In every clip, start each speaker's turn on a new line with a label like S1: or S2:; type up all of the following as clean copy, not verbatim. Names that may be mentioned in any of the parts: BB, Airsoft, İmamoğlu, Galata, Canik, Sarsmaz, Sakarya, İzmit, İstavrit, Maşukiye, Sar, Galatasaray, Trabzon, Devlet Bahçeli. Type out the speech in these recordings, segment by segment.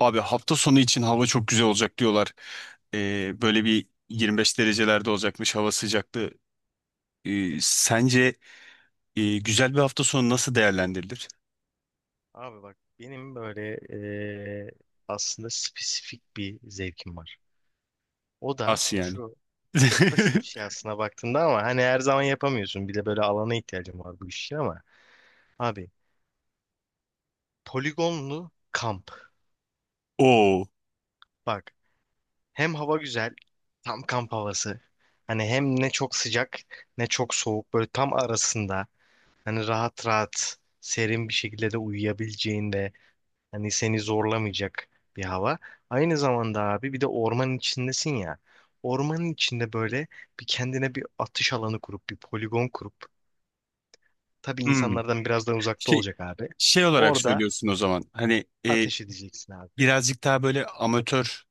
S1: Abi hafta sonu için hava çok güzel olacak diyorlar. Böyle bir 25 derecelerde olacakmış hava sıcaklığı. Sence güzel bir hafta sonu nasıl değerlendirilir?
S2: Abi bak benim böyle aslında spesifik bir zevkim var. O da
S1: Nasıl yani?
S2: şu, çok basit bir şey aslında baktığında ama hani her zaman yapamıyorsun. Bir de böyle alana ihtiyacım var bu iş için ama abi, poligonlu kamp.
S1: Oo.
S2: Bak, hem hava güzel, tam kamp havası. Hani hem ne çok sıcak ne çok soğuk, böyle tam arasında. Hani rahat rahat serin bir şekilde de uyuyabileceğin de, hani seni zorlamayacak bir hava. Aynı zamanda abi bir de ormanın içindesin ya. Ormanın içinde böyle bir kendine bir atış alanı kurup bir poligon kurup, tabii
S1: Hmm.
S2: insanlardan biraz daha uzakta
S1: Şey,
S2: olacak abi.
S1: Şey olarak
S2: Orada
S1: söylüyorsun o zaman. Hani
S2: ateş edeceksin abi.
S1: birazcık daha böyle amatör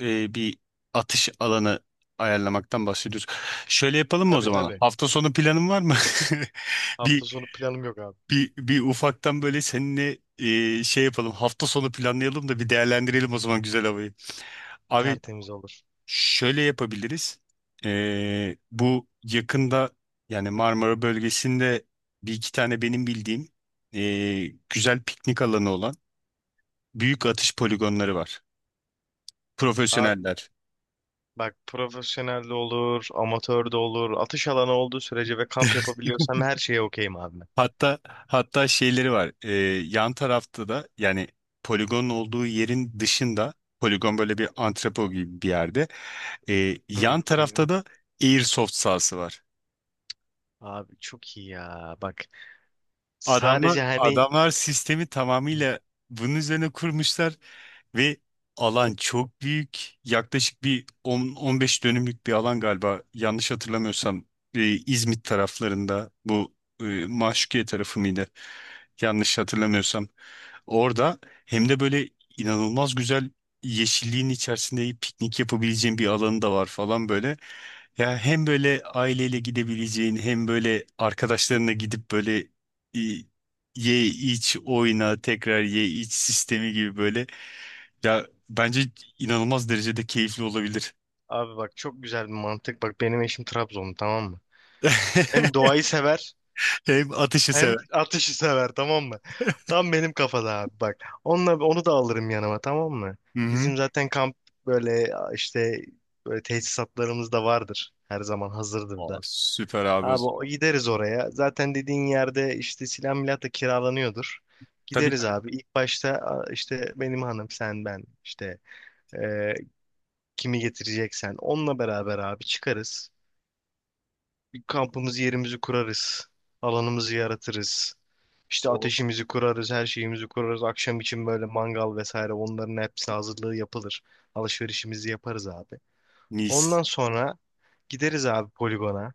S1: bir atış alanı ayarlamaktan bahsediyoruz. Şöyle yapalım mı o
S2: Tabii
S1: zaman?
S2: tabii.
S1: Hafta sonu planın var mı?
S2: Hafta
S1: Bir
S2: sonu planım yok abi.
S1: bir ufaktan böyle seninle şey yapalım. Hafta sonu planlayalım da bir değerlendirelim o zaman güzel havayı. Abi
S2: Tertemiz olur.
S1: şöyle yapabiliriz. Bu yakında yani Marmara bölgesinde bir iki tane benim bildiğim güzel piknik alanı olan büyük atış poligonları var.
S2: Abi
S1: Profesyoneller.
S2: bak, profesyonel de olur, amatör de olur. Atış alanı olduğu sürece ve kamp yapabiliyorsam her şeye okeyim abi ben.
S1: Hatta şeyleri var. Yan tarafta da yani poligonun olduğu yerin dışında poligon böyle bir antrepo gibi bir yerde.
S2: Hı
S1: Yan
S2: hı.
S1: tarafta
S2: Hı.
S1: da airsoft sahası var.
S2: Abi çok iyi ya. Bak,
S1: Adamlar
S2: sadece hani,
S1: adamlar sistemi tamamıyla bunun üzerine kurmuşlar ve alan çok büyük. Yaklaşık bir 10-15 dönümlük bir alan galiba. Yanlış hatırlamıyorsam İzmit taraflarında bu Maşukiye tarafı mıydı? Yanlış hatırlamıyorsam. Orada hem de böyle inanılmaz güzel yeşilliğin içerisinde piknik yapabileceğin bir alanı da var falan böyle. Ya hem böyle aileyle gidebileceğin hem böyle arkadaşlarına gidip böyle e, ye iç oyna tekrar ye iç sistemi gibi böyle. Ya bence inanılmaz derecede keyifli olabilir.
S2: abi bak çok güzel bir mantık. Bak benim eşim Trabzonlu, tamam mı? Hem doğayı sever
S1: Hem atışı
S2: hem
S1: sever.
S2: ateşi sever, tamam mı? Tam benim kafada abi bak. Onunla, onu da alırım yanıma, tamam mı?
S1: Hı hı.
S2: Bizim zaten kamp böyle işte böyle tesisatlarımız da vardır. Her zaman hazırdır
S1: Aa,
S2: da.
S1: süper abi o
S2: Abi,
S1: zaman.
S2: gideriz oraya. Zaten dediğin yerde işte silah milah da kiralanıyordur.
S1: Tabii,
S2: Gideriz
S1: tabii.
S2: abi. İlk başta işte benim hanım sen ben işte e, kimi getireceksen onunla beraber abi çıkarız. Bir kampımızı, yerimizi kurarız. Alanımızı yaratırız. İşte
S1: O
S2: ateşimizi kurarız, her şeyimizi kurarız. Akşam için böyle mangal vesaire, onların hepsi hazırlığı yapılır. Alışverişimizi yaparız abi.
S1: mis.
S2: Ondan sonra gideriz abi poligona.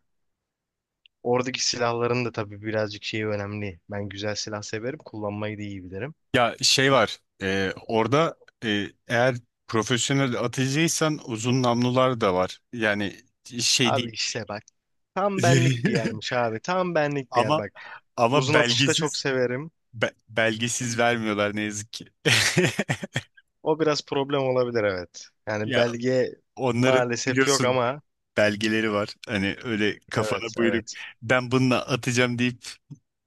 S2: Oradaki silahların da tabii birazcık şeyi önemli. Ben güzel silah severim, kullanmayı da iyi bilirim.
S1: Ya şey var orada eğer profesyonel atıcıysan uzun namlular da var. Yani şey
S2: Abi
S1: değil.
S2: işte bak. Tam benlik bir yermiş abi. Tam benlik bir yer
S1: Ama
S2: bak.
S1: ama
S2: Uzun atışı da çok
S1: belgesiz
S2: severim.
S1: belgesiz vermiyorlar ne yazık ki.
S2: O biraz problem olabilir, evet. Yani
S1: Ya
S2: belge
S1: onların
S2: maalesef yok
S1: biliyorsun
S2: ama
S1: belgeleri var. Hani öyle
S2: evet,
S1: kafana buyruk
S2: evet.
S1: ben bununla atacağım deyip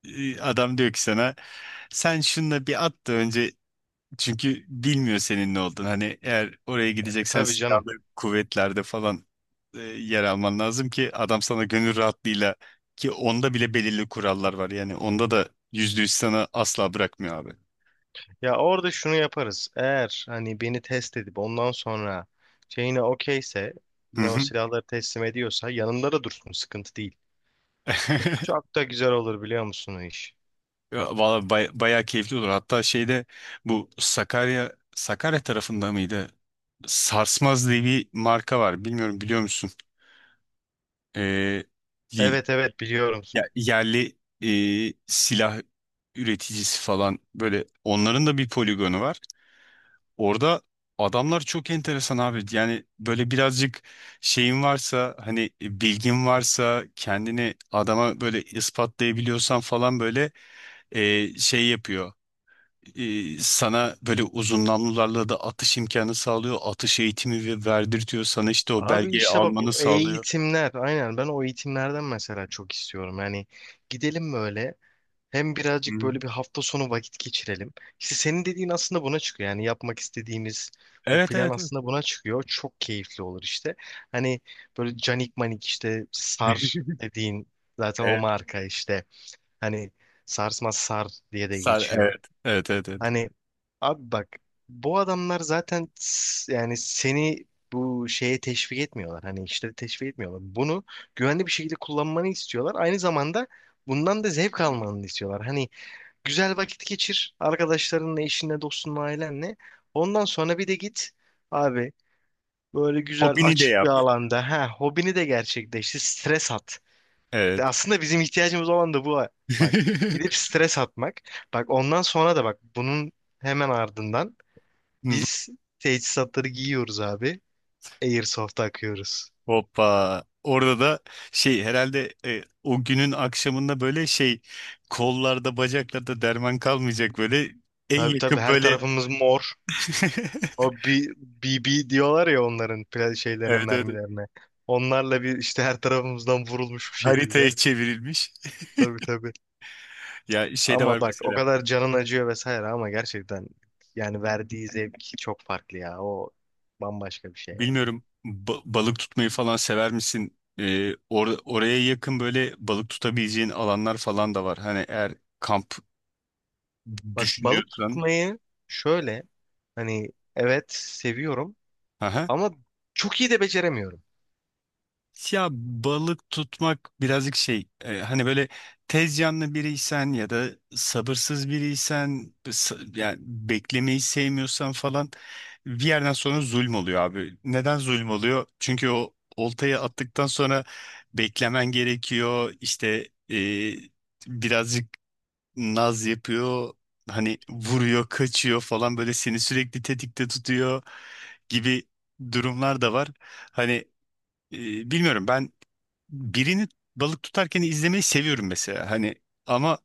S1: adam diyor ki sana sen şununla bir at da önce. Çünkü bilmiyor senin ne olduğunu. Hani eğer oraya
S2: E,
S1: gideceksen
S2: tabii canım.
S1: silahlı kuvvetlerde falan yer alman lazım ki adam sana gönül rahatlığıyla, ki onda bile belirli kurallar var. Yani onda da %100 sana asla bırakmıyor abi.
S2: Ya orada şunu yaparız. Eğer hani beni test edip ondan sonra şeyine okeyse,
S1: Hı
S2: yine o
S1: hı.
S2: silahları teslim ediyorsa yanında da dursun, sıkıntı değil. Çok da güzel olur, biliyor musun o iş?
S1: Ya, valla bayağı keyifli olur. Hatta şeyde bu Sakarya tarafında mıydı? Sarsmaz diye bir marka var. Bilmiyorum, biliyor musun? Ee,
S2: Evet, evet biliyorum.
S1: Ya yerli silah üreticisi falan böyle onların da bir poligonu var. Orada adamlar çok enteresan abi. Yani böyle birazcık şeyin varsa hani bilgin varsa kendini adama böyle ispatlayabiliyorsan falan böyle şey yapıyor. Sana böyle uzun namlularla da atış imkanı sağlıyor. Atış eğitimi verdirtiyor. Sana işte o
S2: Abi
S1: belgeyi
S2: işte bak,
S1: almanı
S2: o
S1: sağlıyor.
S2: eğitimler, aynen ben o eğitimlerden mesela çok istiyorum. Yani gidelim böyle, hem
S1: Hı
S2: birazcık
S1: hı.
S2: böyle bir hafta sonu vakit geçirelim. İşte senin dediğin aslında buna çıkıyor. Yani yapmak istediğimiz bu
S1: Evet,
S2: plan
S1: evet, evet.
S2: aslında buna çıkıyor. Çok keyifli olur işte. Hani böyle canik manik, işte sar dediğin zaten o
S1: Evet.
S2: marka işte. Hani sarsmaz, sar diye de
S1: Sar,
S2: geçiyor.
S1: evet. Evet, evet, evet.
S2: Hani abi bak, bu adamlar zaten yani seni bu şeye teşvik etmiyorlar. Hani işleri teşvik etmiyorlar. Bunu güvenli bir şekilde kullanmanı istiyorlar. Aynı zamanda bundan da zevk almanı istiyorlar. Hani güzel vakit geçir arkadaşlarınla, eşinle, dostunla, ailenle. Ondan sonra bir de git abi böyle güzel
S1: Hobini de
S2: açık bir
S1: yap.
S2: alanda, ha, hobini de gerçekleştir, stres at. De
S1: Evet.
S2: aslında bizim ihtiyacımız olan da bu. Ha. Bak, gidip stres atmak. Bak ondan sonra da bak, bunun hemen ardından biz teçhizatları giyiyoruz abi. Airsoft'a akıyoruz.
S1: Hoppa. Orada da şey herhalde, o günün akşamında böyle şey, kollarda bacaklarda derman kalmayacak böyle en
S2: Tabii tabii,
S1: yakın
S2: her
S1: böyle.
S2: tarafımız mor. O B- BB diyorlar ya, onların şeylerine,
S1: Evet, evet, evet.
S2: mermilerine. Onlarla bir işte her tarafımızdan vurulmuş bir
S1: Haritaya
S2: şekilde.
S1: çevrilmiş.
S2: Tabii tabii.
S1: Ya şey de var
S2: Ama bak o
S1: mesela,
S2: kadar canın acıyor vesaire ama gerçekten, yani verdiği zevk çok farklı ya. O bambaşka bir şey yani.
S1: bilmiyorum, balık tutmayı falan sever misin? Oraya yakın böyle balık tutabileceğin alanlar falan da var. Hani eğer kamp
S2: Bak balık
S1: düşünüyorsan.
S2: tutmayı şöyle, hani evet seviyorum ama çok iyi de beceremiyorum.
S1: Ya balık tutmak birazcık şey, hani böyle tez canlı biriysen ya da sabırsız biriysen, yani beklemeyi sevmiyorsan falan bir yerden sonra zulüm oluyor abi. Neden zulüm oluyor? Çünkü o oltayı attıktan sonra beklemen gerekiyor işte, birazcık naz yapıyor, hani vuruyor kaçıyor falan böyle seni sürekli tetikte tutuyor gibi durumlar da var. Hani bilmiyorum, ben birini balık tutarken izlemeyi seviyorum mesela. Hani ama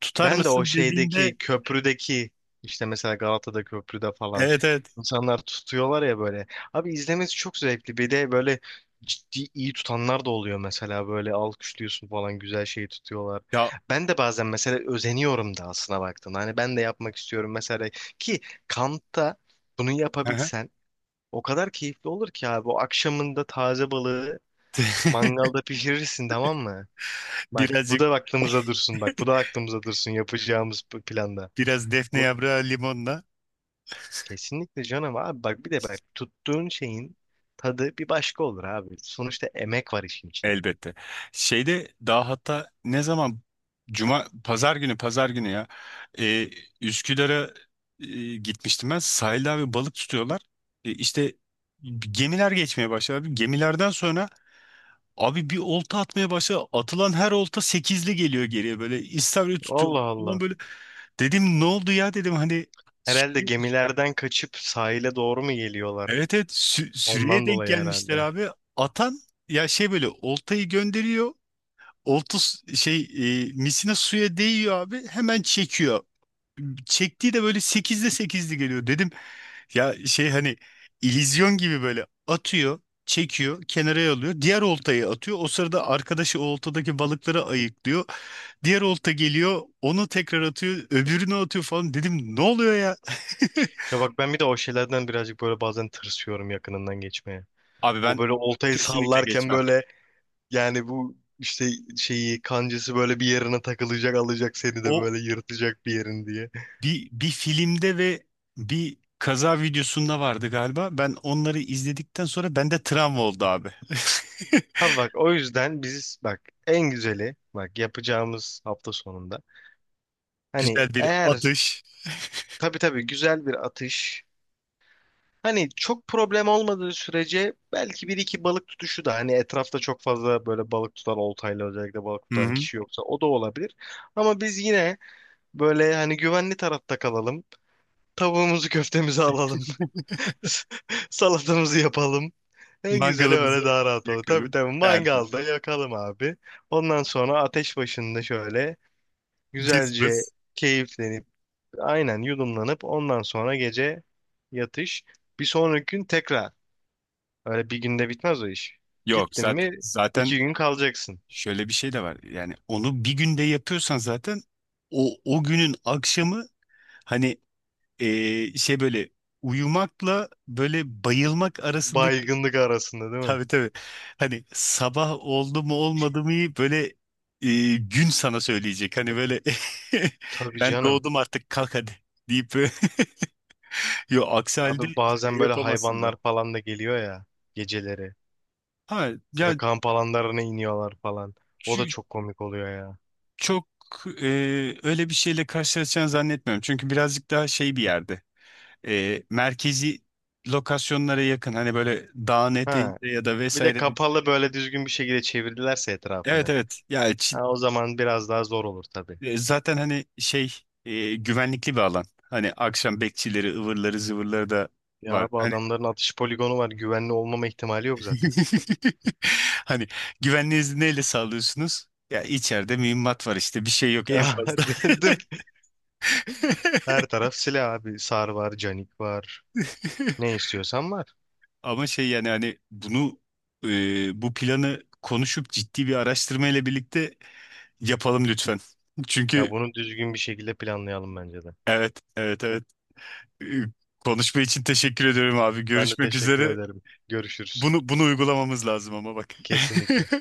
S1: tutar
S2: Ben de o
S1: mısın dediğinde
S2: şeydeki köprüdeki, işte mesela Galata'da köprüde falan
S1: evet, evet,
S2: insanlar tutuyorlar ya böyle. Abi izlemesi çok zevkli. Bir de böyle ciddi iyi tutanlar da oluyor mesela, böyle alkışlıyorsun falan, güzel şeyi tutuyorlar.
S1: ya,
S2: Ben de bazen mesela özeniyorum da aslına baktım. Hani ben de yapmak istiyorum mesela ki, kampta bunu
S1: aha.
S2: yapabilsen o kadar keyifli olur ki abi. O akşamında taze balığı mangalda pişirirsin, tamam mı? Bak bu
S1: Birazcık
S2: da aklımıza dursun, bak bu da aklımıza dursun yapacağımız bu planda.
S1: biraz defne
S2: Onu
S1: yaprağı limonla,
S2: kesinlikle canım abi bak, bir de bak tuttuğun şeyin tadı bir başka olur abi. Sonuçta emek var işin içinde.
S1: elbette. Şeyde daha hatta ne zaman, Cuma pazar günü ya, e, Üsküdar'a gitmiştim ben, sahilde abi balık tutuyorlar. İşte gemiler geçmeye başladı. Gemilerden sonra abi bir olta atmaya başla. Atılan her olta sekizli geliyor geriye böyle. İstavrit
S2: Allah
S1: tutuyorlar falan
S2: Allah.
S1: böyle. Dedim ne oldu ya, dedim hani
S2: Herhalde
S1: sü-
S2: gemilerden kaçıp sahile doğru mu geliyorlar?
S1: evet, evet, sürüye
S2: Ondan
S1: denk
S2: dolayı
S1: gelmişler
S2: herhalde.
S1: abi. Atan ya şey böyle oltayı gönderiyor. Olta şey, misina suya değiyor abi. Hemen çekiyor. Çektiği de böyle sekizli sekizli geliyor. Dedim ya şey hani illüzyon gibi böyle atıyor. Çekiyor, kenara alıyor. Diğer oltayı atıyor. O sırada arkadaşı o oltadaki balıkları ayıklıyor. Diğer olta geliyor, onu tekrar atıyor, öbürünü atıyor falan. Dedim ne oluyor ya?
S2: Ya bak ben bir de o şeylerden birazcık böyle bazen tırsıyorum yakınından geçmeye.
S1: Abi
S2: O
S1: ben
S2: böyle oltayı
S1: kesinlikle
S2: sallarken
S1: geçmem.
S2: böyle, yani bu işte şeyi, kancası böyle bir yerine takılacak, alacak seni de
S1: O
S2: böyle, yırtacak bir yerin diye.
S1: bir filmde ve bir kaza videosunda vardı galiba. Ben onları izledikten sonra bende travma oldu abi.
S2: Abi bak o yüzden biz bak, en güzeli bak yapacağımız hafta sonunda, hani
S1: Güzel bir
S2: eğer,
S1: atış.
S2: tabii tabii, güzel bir atış, hani çok problem olmadığı sürece belki bir iki balık tutuşu da, hani etrafta çok fazla böyle balık tutan, oltayla özellikle balık
S1: Hı
S2: tutan
S1: hı.
S2: kişi yoksa o da olabilir. Ama biz yine böyle hani güvenli tarafta kalalım, tavuğumuzu köftemizi alalım. Salatamızı yapalım. En güzeli
S1: Mangalımızı
S2: öyle daha rahat olur. Tabii
S1: yakalım.
S2: tabii,
S1: Derdim.
S2: mangalda yakalım abi. Ondan sonra ateş başında şöyle güzelce
S1: Cızbız.
S2: keyiflenip, aynen yudumlanıp, ondan sonra gece yatış. Bir sonraki gün tekrar. Öyle bir günde bitmez o iş.
S1: Yok,
S2: Gittin
S1: zaten
S2: mi
S1: zaten
S2: iki gün kalacaksın.
S1: şöyle bir şey de var. Yani onu bir günde yapıyorsan zaten o günün akşamı hani şey böyle uyumakla böyle bayılmak arasındaki.
S2: Baygınlık arasında değil mi?
S1: Tabii, tabii, hani sabah oldu mu olmadı mı böyle, gün sana söyleyecek hani böyle,
S2: Tabii
S1: ben
S2: canım.
S1: doğdum artık kalk hadi deyip yo, aksi
S2: Abi
S1: halde şey
S2: bazen böyle
S1: yapamazsın da.
S2: hayvanlar falan da geliyor ya geceleri.
S1: Ha
S2: Böyle
S1: ya
S2: kamp alanlarına iniyorlar falan.
S1: şu,
S2: O da çok komik oluyor ya.
S1: çok e, öyle bir şeyle karşılaşacağını zannetmiyorum, çünkü birazcık daha şey bir yerde, merkezi lokasyonlara yakın, hani böyle dağın
S2: Ha,
S1: eteğinde ya da
S2: bir de
S1: vesaire.
S2: kapalı böyle düzgün bir şekilde çevirdilerse
S1: Evet,
S2: etrafını.
S1: evet. Ya
S2: Ha, o zaman biraz daha zor olur tabii.
S1: zaten hani şey, güvenlikli bir alan. Hani akşam bekçileri, ıvırları, zıvırları da var.
S2: Ya bu
S1: Hani
S2: adamların atış poligonu var. Güvenli olmama ihtimali yok zaten.
S1: hani güvenliğinizi neyle sağlıyorsunuz? Ya içeride mühimmat var işte, bir şey yok en
S2: Ya,
S1: fazla.
S2: dedim. Her taraf silah abi. Sar var, canik var. Ne istiyorsan var.
S1: Ama şey, yani hani bunu, bu planı konuşup ciddi bir araştırma ile birlikte yapalım lütfen.
S2: Ya
S1: Çünkü.
S2: bunu düzgün bir şekilde planlayalım bence de.
S1: Evet, evet, evet. E, Konuşma için teşekkür ediyorum abi.
S2: Ben de
S1: Görüşmek
S2: teşekkür
S1: üzere.
S2: ederim. Görüşürüz.
S1: Bunu uygulamamız lazım ama bak.
S2: Kesinlikle.